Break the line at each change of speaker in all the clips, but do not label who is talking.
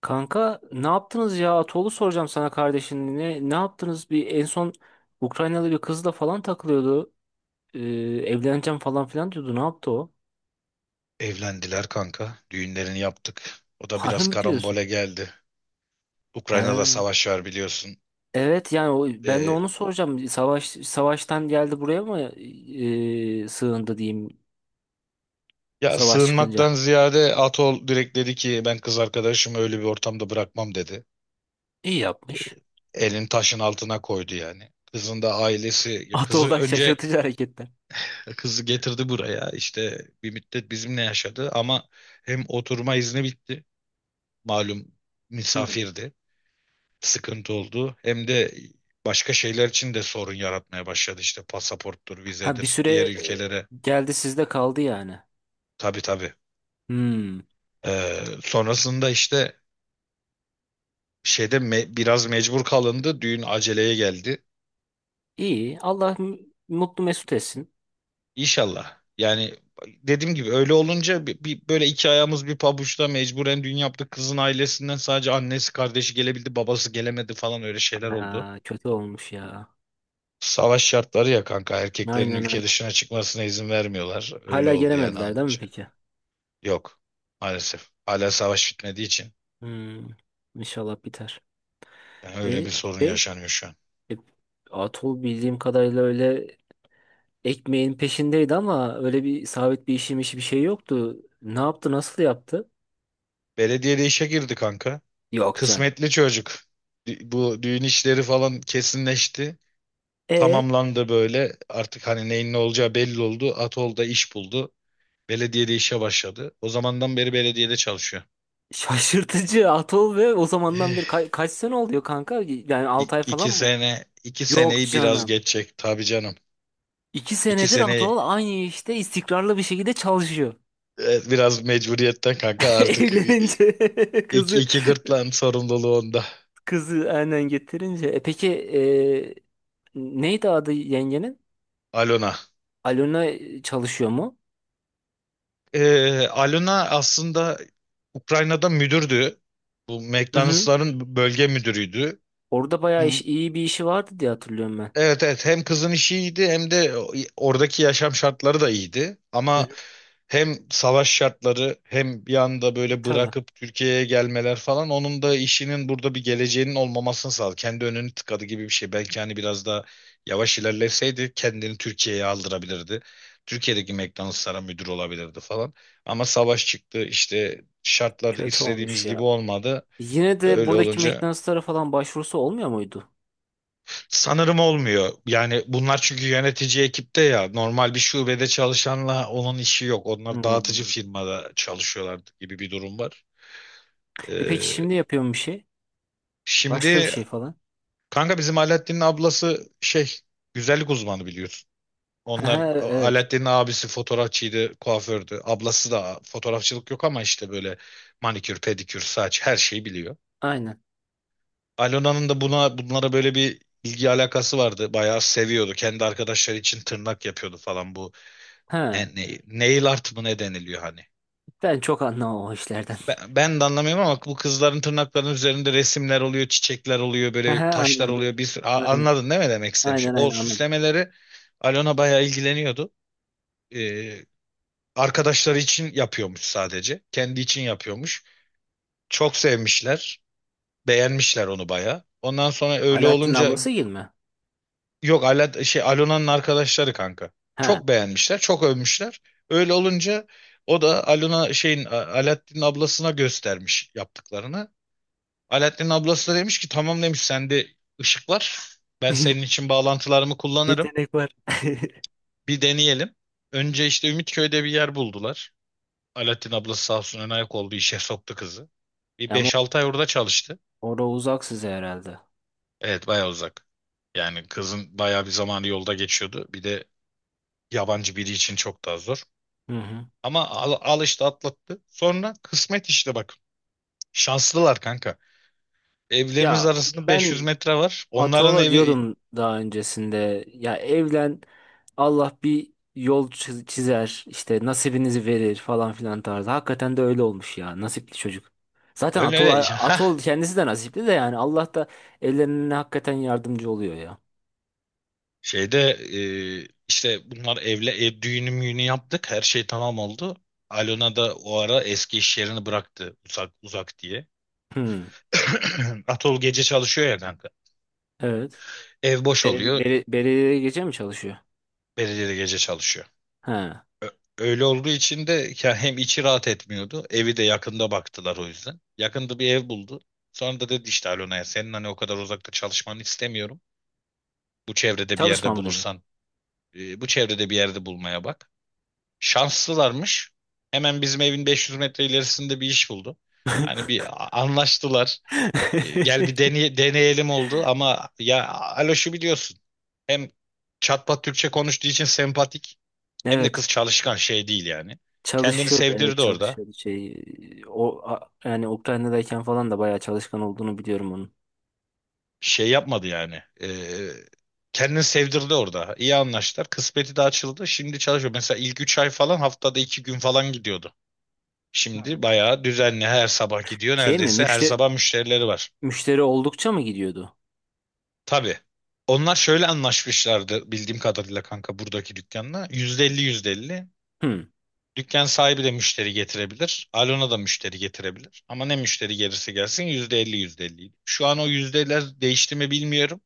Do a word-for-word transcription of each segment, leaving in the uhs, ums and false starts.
Kanka ne yaptınız ya? Atoğlu soracağım sana kardeşin. Ne, ne yaptınız? Bir en son Ukraynalı bir kızla falan takılıyordu. Ee, evleneceğim falan filan diyordu. Ne yaptı o?
Evlendiler kanka. Düğünlerini yaptık. O da
Harbi
biraz
mi diyorsun?
karambole geldi. Ukrayna'da
He.
savaş var biliyorsun.
Evet yani o, ben de
Ee,
onu soracağım. Savaş savaştan geldi buraya mı e, sığındı diyeyim
ya
savaş
sığınmaktan
çıkınca.
ziyade Atol direkt dedi ki ben kız arkadaşımı öyle bir ortamda bırakmam dedi.
İyi yapmış.
Elin taşın altına koydu yani. Kızın da ailesi, kızı
Atol'dan
önce
şaşırtıcı hareketler.
kızı getirdi buraya. İşte bir müddet bizimle yaşadı ama hem oturma izni bitti. Malum
Hmm.
misafirdi. Sıkıntı oldu. Hem de başka şeyler için de sorun yaratmaya başladı işte pasaporttur,
Ha bir
vizedir,
süre
diğer
e,
ülkelere.
geldi sizde kaldı yani.
Tabii, tabii.
Hmm.
Ee, sonrasında işte şeyde me- biraz mecbur kalındı. Düğün aceleye geldi.
İyi. Allah m- mutlu mesut etsin.
İnşallah. Yani dediğim gibi öyle olunca bir, bir- böyle iki ayağımız bir pabuçta mecburen düğün yaptık. Kızın ailesinden sadece annesi kardeşi gelebildi, babası gelemedi falan öyle şeyler oldu.
Aa, kötü olmuş ya.
Savaş şartları ya kanka erkeklerin
Aynen
ülke
aynen.
dışına çıkmasına izin vermiyorlar. Öyle
Hala
oldu yani
gelemediler değil mi
anca.
peki?
Yok. Maalesef. Hala savaş bitmediği için.
Hmm, inşallah biter.
Yani öyle
E,
bir sorun
şey,
yaşanıyor şu an.
e, Atol bildiğim kadarıyla öyle ekmeğin peşindeydi ama öyle bir sabit bir işim işi bir şey yoktu. Ne yaptı, nasıl yaptı?
Belediyede işe girdi kanka.
Yok canım.
Kısmetli çocuk. Dü- Bu düğün işleri falan kesinleşti.
E
Tamamlandı böyle. Artık hani neyin ne olacağı belli oldu. Atol'da iş buldu. Belediyede işe başladı. O zamandan beri belediyede çalışıyor.
şaşırtıcı Atol ve o zamandan
Eh,
bir ka- kaç sene oluyor kanka? Yani
İ
altı ay falan
iki
mı?
sene, iki
Yok
seneyi biraz
canım.
geçecek tabii canım.
iki
İki
senedir
seneyi
Atol aynı işte istikrarlı bir şekilde çalışıyor.
e, biraz mecburiyetten kanka artık i- i-
Evlenince
iki,
kızı
iki gırtlağın sorumluluğu onda.
kızı aynen getirince. E peki e, neydi adı yengenin?
Alona.
Alona çalışıyor mu?
Ee, Alona aslında Ukrayna'da müdürdü. Bu
Hı hı.
McDonald's'ların bölge müdürüydü.
Orada bayağı iş, iyi bir işi vardı diye hatırlıyorum ben.
Evet, evet, hem kızın işi iyiydi hem de oradaki yaşam şartları da iyiydi.
Hı hı.
Ama hem savaş şartları hem bir anda
E
böyle
tabii.
bırakıp Türkiye'ye gelmeler falan onun da işinin burada bir geleceğinin olmamasını sağladı. Kendi önünü tıkadı gibi bir şey. Belki hani biraz daha yavaş ilerleseydi kendini Türkiye'ye aldırabilirdi. Türkiye'deki McDonald's'lara müdür olabilirdi falan. Ama savaş çıktı işte şartlar
Kötü olmuş
istediğimiz gibi
ya.
olmadı.
Yine de
Öyle
buradaki
olunca
McDonald's'lara falan başvurusu olmuyor muydu?
sanırım olmuyor. Yani bunlar çünkü yönetici ekipte ya normal bir şubede çalışanla onun işi yok. Onlar dağıtıcı
Hmm.
firmada çalışıyorlar gibi bir durum var.
E peki
Ee,
şimdi yapıyorum bir şey. Başka bir
Şimdi
şey falan.
kanka bizim Alaaddin'in ablası şey güzellik uzmanı biliyorsun. Onlar
Ha,
A-
evet.
Alaaddin'in abisi fotoğrafçıydı, kuafördü. Ablası da fotoğrafçılık yok ama işte böyle manikür, pedikür, saç her şeyi biliyor.
Aynen.
Alona'nın da buna bunlara böyle bir ilgi alakası vardı. Bayağı seviyordu. Kendi arkadaşları için tırnak yapıyordu falan bu.
Ha.
Yani, ne- nail art mı ne deniliyor hani?
Ben çok anlamam o işlerden.
Ben, ben de anlamıyorum ama bu kızların tırnaklarının üzerinde resimler oluyor, çiçekler oluyor,
Ha,
böyle taşlar
aynen. ben-
oluyor. Bir sürü, A-
Aynen.
anladın değil mi demek istediğim şey?
Aynen
O
aynen anladım.
süslemeleri Alona bayağı ilgileniyordu. Ee, Arkadaşları için yapıyormuş sadece. Kendi için yapıyormuş. Çok sevmişler. Beğenmişler onu bayağı. Ondan sonra öyle
Alaaddin
olunca.
ablası gibi mi?
Yok, Ala, şey Alona'nın arkadaşları kanka.
Ha.
Çok beğenmişler, çok övmüşler. Öyle olunca o da Alona şeyin A- Alaaddin'in ablasına göstermiş yaptıklarını. Alaaddin'in ablası da demiş ki tamam demiş sende ışık var. Ben senin için bağlantılarımı kullanırım.
Yetenek var.
Bir deneyelim. Önce işte Ümitköy'de bir yer buldular. Alaaddin ablası sağ olsun ön ayak oldu işe soktu kızı. Bir
Ama
beş altı ay orada çalıştı.
orada uzak size herhalde.
Evet bayağı uzak. Yani kızın bayağı bir zamanı yolda geçiyordu. Bir de yabancı biri için çok daha zor.
Hı hı.
Ama al, al işte atlattı. Sonra kısmet işte bak. Şanslılar kanka. Evlerimiz
Ya
arasında beş yüz
ben
metre var. Onların
Ataola
evi
diyordum daha öncesinde. Ya evlen Allah bir yol çi- çizer işte nasibinizi verir falan filan tarzı. Hakikaten de öyle olmuş ya nasipli çocuk. Zaten
öyle
Atol,
öyle. Ha,
Atol kendisi de nasipli de yani Allah da ellerine hakikaten yardımcı oluyor ya.
şeyde e, işte bunlar evle ev düğünü müğünü yaptık. Her şey tamam oldu. Alona da o ara eski iş yerini bıraktı uzak uzak diye.
Hı,
Atol gece çalışıyor ya kanka.
evet.
Ev boş
Bel-
oluyor.
bel- Belediyede gece mi çalışıyor?
Belediye de gece çalışıyor.
He.
Ö- Öyle olduğu için de ya hem içi rahat etmiyordu. Evi de yakında baktılar o yüzden. Yakında bir ev buldu. Sonra da dedi işte Alona'ya senin hani o kadar uzakta çalışmanı istemiyorum. Bu çevrede bir
Çalışma
yerde
mı dedi?
bulursan e, Bu çevrede bir yerde bulmaya bak. Şanslılarmış. Hemen bizim evin beş yüz metre ilerisinde bir iş buldu. Hani bir a- anlaştılar. E, Gel bir deney- deneyelim oldu ama ya Aloş'u biliyorsun. Hem çatpat Türkçe konuştuğu için sempatik. Hem de
Evet.
kız çalışkan şey değil yani. Kendini
Çalışıyordu, evet,
sevdirdi orada.
çalışıyordu, şey, o a- yani Ukrayna'dayken falan da bayağı çalışkan olduğunu biliyorum onun.
Şey yapmadı yani. Ee, kendini sevdirdi orada. İyi anlaştılar. Kısmeti de açıldı. Şimdi çalışıyor. Mesela ilk üç ay falan haftada iki gün falan gidiyordu. Şimdi bayağı düzenli her sabah gidiyor.
Şey mi,
Neredeyse her
müşteri
sabah müşterileri var.
müşteri oldukça mı gidiyordu?
Tabii. Onlar şöyle anlaşmışlardı bildiğim kadarıyla kanka buradaki dükkanla. yüzde elli yüzde elli.
Hmm.
Dükkan sahibi de müşteri getirebilir. Alona da müşteri getirebilir. Ama ne müşteri gelirse gelsin yüzde elli yüzde elli. Şu an o yüzdeler değişti mi bilmiyorum.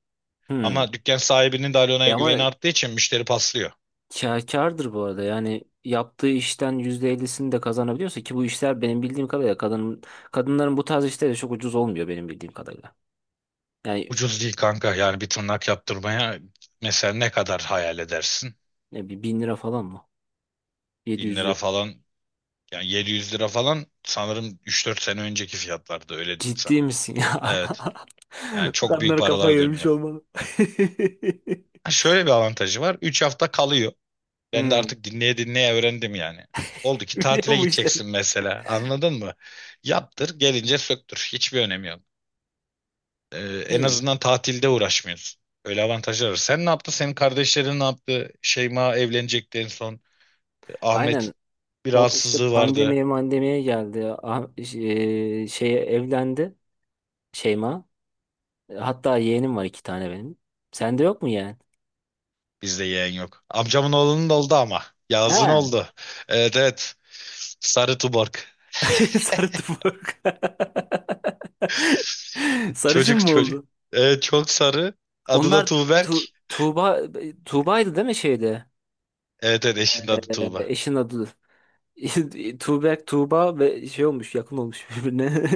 Hmm.
Ama dükkan sahibinin de
E
Alona'ya
ama
güveni arttığı için müşteri paslıyor.
kâ- kârdır bu arada yani yaptığı işten yüzde ellisini de kazanabiliyorsa ki bu işler benim bildiğim kadarıyla kadın kadınların bu tarz işleri çok ucuz olmuyor benim bildiğim kadarıyla. Yani
Ucuz değil kanka. Yani bir tırnak yaptırmaya mesela ne kadar hayal edersin?
ne, bir bin lira falan mı?
Bin
yedi yüz
lira
lira.
falan yani yedi yüz lira falan sanırım üç dört sene önceki fiyatlarda öyle diyeyim sana.
Ciddi misin ya?
Evet. Yani çok büyük
Kadınlar kafayı
paralar
yemiş
dönüyor.
olmalı.
Ha, şöyle bir avantajı var. Üç hafta kalıyor. Ben de
Hmm.
artık dinleye dinleye öğrendim yani. Oldu ki
Biliyor
tatile
musun işleri?
gideceksin mesela. Anladın mı? Yaptır, gelince söktür. Hiçbir önemi yok. Ee, En
Hey,
azından tatilde uğraşmıyorsun. Öyle avantajlar var. Sen ne yaptın? Senin kardeşlerin ne yaptı? Şeyma evlenecekti en son. Ahmet
aynen.
bir
O işte
rahatsızlığı vardı.
pandemiye mandemiye geldi. Ah, şey, şeye evlendi Şeyma. Hatta yeğenim var iki tane benim. Sende yok mu yeğen?
Bizde yeğen yok. Amcamın oğlunun da oldu ama. Yağız'ın
Ha.
oldu. Evet, evet. Sarı Tuborg.
Sarı tufak. Sarışın
Çocuk
mı
çocuk.
oldu?
Evet çok sarı. Adı da
Onlar tu
Tuğberk.
Tuğba Tuğba'ydı değil mi şeyde?
Evet, evet, eşinin adı
Ee,
Tuğba.
eşin adı. Tuğbek Tuğba ve şey olmuş, yakın olmuş birbirine.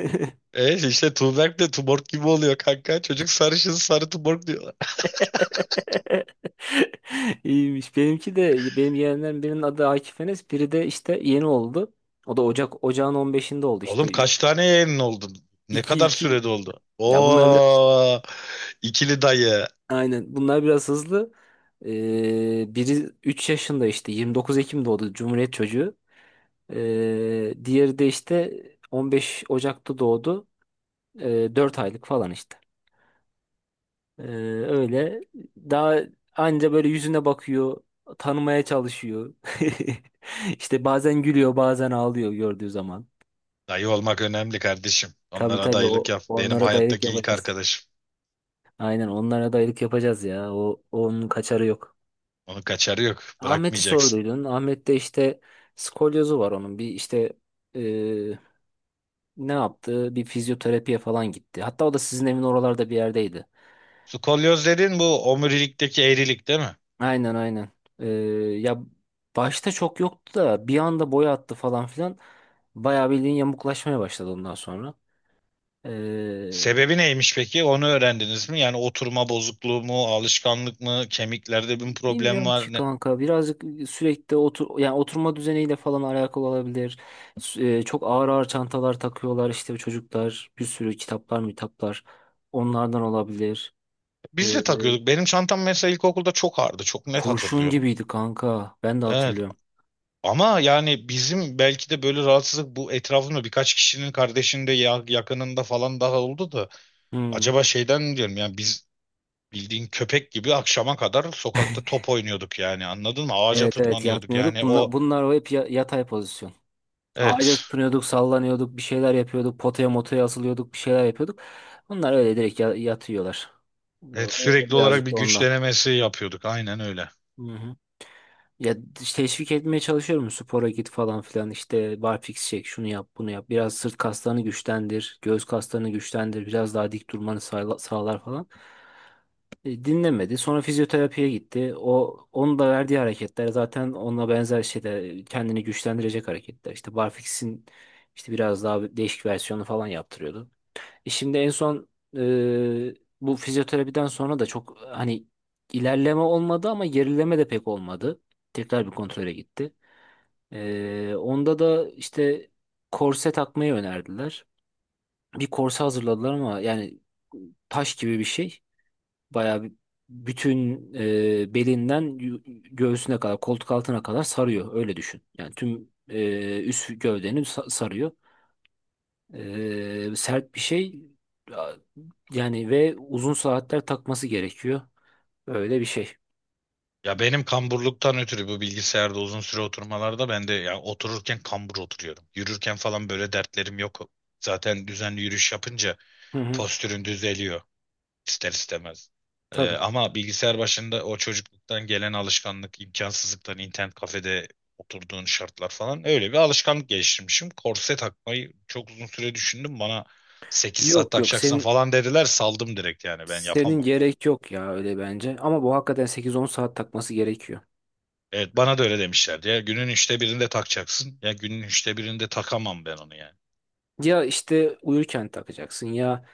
E işte Tuğberk de Tuborg gibi oluyor kanka. Çocuk sarışın sarı Tuborg diyor.
İyiymiş. Benimki de, benim yeğenlerim, birinin adı Akif Enes, biri de işte yeni oldu. O da Ocak Ocağın on beşinde oldu
Oğlum
işte.
kaç tane yayının oldu? Ne
İki
kadar
iki.
sürede oldu?
Ya bunlar biraz
Oo, ikili dayı.
aynen. Bunlar biraz hızlı. Ee, biri üç yaşında, işte yirmi dokuz Ekim doğdu, Cumhuriyet çocuğu. Ee, diğeri de işte on beş Ocak'ta doğdu. Ee, dört aylık falan işte. Ee, öyle. Daha anca böyle yüzüne bakıyor, tanımaya çalışıyor. İşte bazen gülüyor, bazen ağlıyor gördüğü zaman.
Dayı olmak önemli kardeşim.
Tabii
Onlara
tabii o,
dayılık yap. Benim
onlara dayılık
hayattaki ilk
yapacağız.
arkadaşım.
Aynen, onlara dayılık yapacağız ya. O, onun kaçarı yok.
Onun kaçarı yok.
Ahmet'i
Bırakmayacaksın.
sorduydun. Ahmet'te işte skolyozu var onun. Bir işte e, ne yaptı? Bir fizyoterapiye falan gitti. Hatta o da sizin evin oralarda bir yerdeydi.
Skolyoz dedin bu omurilikteki eğrilik değil mi?
Aynen aynen. Ee, ya başta çok yoktu da bir anda boya attı falan filan. Bayağı bildiğin yamuklaşmaya başladı ondan sonra. Ee,
Sebebi neymiş peki? Onu öğrendiniz mi? Yani oturma bozukluğu mu, alışkanlık mı, kemiklerde bir problem
bilmiyorum ki
var? Ne?
kanka, birazcık sürekli otur yani oturma düzeniyle falan alakalı olabilir. Sü- e, çok ağır ağır çantalar takıyorlar işte çocuklar, bir sürü kitaplar mitaplar, onlardan olabilir. Ee,
Biz de takıyorduk. Benim çantam mesela ilkokulda çok ağırdı. Çok net
kurşun
hatırlıyorum.
gibiydi kanka, ben de
Evet.
hatırlıyorum.
Ama yani bizim belki de böyle rahatsızlık bu etrafımda birkaç kişinin kardeşinde ya- yakınında falan daha oldu da
Hmm.
acaba şeyden mi diyorum yani biz bildiğin köpek gibi akşama kadar sokakta top oynuyorduk yani anladın mı? Ağaca
Evet evet,
tırmanıyorduk
yatmıyorduk.
yani
Bunlar,
o
bunlar o hep ya- yatay pozisyon. Ağaca
evet,
tutunuyorduk, sallanıyorduk, bir şeyler yapıyorduk, potaya motaya asılıyorduk, bir şeyler yapıyorduk. Bunlar öyle direkt ya- yatıyorlar.
evet,
O, o
sürekli olarak
birazcık
bir
da
güç
ondan.
denemesi yapıyorduk aynen öyle.
Hı hı. Ya işte teşvik etmeye çalışıyorum, spora git falan filan, işte barfiks çek, şunu yap, bunu yap, biraz sırt kaslarını güçlendir, göğüs kaslarını güçlendir, biraz daha dik durmanı sağla- sağlar falan. E, Dinlemedi. Sonra fizyoterapiye gitti. O, onun da verdiği hareketler zaten onunla benzer şeyler, kendini güçlendirecek hareketler. İşte barfix'in işte biraz daha değişik versiyonu falan yaptırıyordu. E şimdi en son e, bu fizyoterapiden sonra da çok hani ilerleme olmadı ama gerileme de pek olmadı. Tekrar bir kontrole gitti. E, onda da işte korse takmayı önerdiler. Bir korse hazırladılar ama yani taş gibi bir şey. Bayağı bir- bütün, e, belinden yu- göğsüne kadar, koltuk altına kadar sarıyor. Öyle düşün. Yani tüm e, üst gövdeni sa- sarıyor. E, sert bir şey, A- yani, ve uzun saatler takması gerekiyor. Öyle bir şey.
Ya benim kamburluktan ötürü bu bilgisayarda uzun süre oturmalarda ben de ya otururken kambur oturuyorum. Yürürken falan böyle dertlerim yok. Zaten düzenli yürüyüş yapınca
Hı hı.
postürün düzeliyor ister istemez. Ee,
Tabii.
ama bilgisayar başında o çocukluktan gelen alışkanlık, imkansızlıktan internet kafede oturduğun şartlar falan öyle bir alışkanlık geliştirmişim. Korse takmayı çok uzun süre düşündüm. Bana sekiz saat
Yok yok,
takacaksın
senin
falan dediler. Saldım direkt yani ben
senin
yapamam.
gerek yok ya öyle bence. Ama bu hakikaten sekiz on saat takması gerekiyor.
Evet, bana da öyle demişlerdi ya günün üçte birinde takacaksın, ya günün üçte birinde takamam ben onu yani.
Ya işte uyurken takacaksın, ya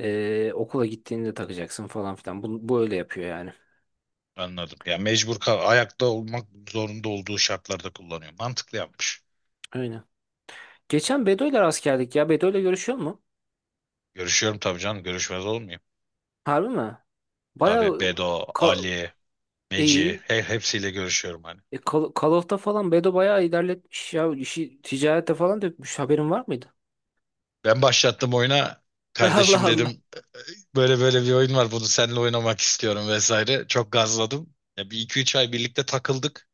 e, okula gittiğinde takacaksın falan filan. Bu, bu öyle yapıyor yani.
Anladım ya, mecbur kal ayakta olmak zorunda olduğu şartlarda kullanıyor, mantıklı yapmış.
Aynen. Geçen Bedo'yla rast geldik ya. Bedo'yla görüşüyor mu?
Görüşüyorum tabii canım, görüşmez olmayayım.
Harbi mi?
Tabii
Bayağı
Bedo,
ka-
Ali, Meci,
iyi.
he, hepsiyle görüşüyorum hani.
E, Call, Call of'ta falan Bedo bayağı ilerletmiş ya. İşi ticarete falan dökmüş. Haberin var mıydı?
Ben başlattım oyuna
Allah
kardeşim
Allah.
dedim, böyle böyle bir oyun var, bunu seninle oynamak istiyorum vesaire, çok gazladım ya. Bir iki üç ay birlikte takıldık.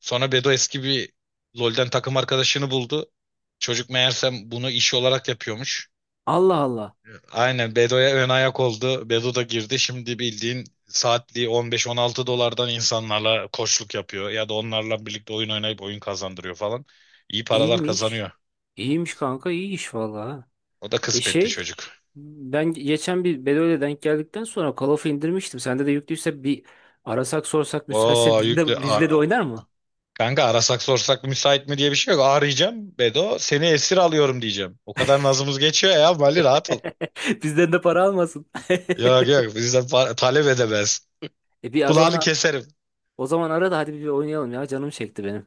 Sonra Bedo eski bir LoL'den takım arkadaşını buldu. Çocuk meğersem bunu iş olarak yapıyormuş.
Allah Allah.
Aynen Bedo'ya ön ayak oldu. Bedo da girdi. Şimdi bildiğin saatliği on beş on altı dolardan insanlarla koçluk yapıyor. Ya da onlarla birlikte oyun oynayıp oyun kazandırıyor falan. İyi paralar
İyiymiş.
kazanıyor.
İyiymiş kanka. İyi iş vallahi. Ha.
O da
E
kısmetli
şey
çocuk.
ben geçen bir Bedo'yla denk geldikten sonra Call of'u indirmiştim. Sende de yüklüyse bir arasak sorsak müsaitse,
Oo
bizle
yüklü.
de, bizle de
Ar
oynar mı?
Kanka arasak sorsak müsait mi diye bir şey yok. Arayacağım Bedo. Seni esir alıyorum diyeceğim. O kadar nazımız geçiyor ya. Mali rahat ol.
Bizden de para almasın.
Yok, yok, bizden pa- talep edemez.
E bir az
Kulağını
ona.
keserim.
O zaman ara da hadi bir oynayalım ya. Canım çekti benim.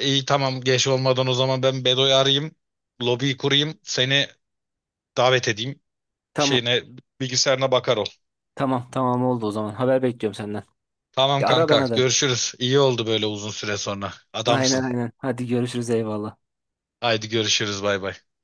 İyi tamam geç olmadan o zaman ben Bedo'yu arayayım. Lobiyi kurayım. Seni davet edeyim.
Tamam.
Şeyine bilgisayarına bakar ol.
Tamam tamam oldu o zaman. Haber bekliyorum senden.
Tamam
Ya ara
kanka
bana da.
görüşürüz. İyi oldu böyle uzun süre sonra.
Aynen
Adamsın.
aynen. Hadi görüşürüz, eyvallah.
Haydi görüşürüz bay bay.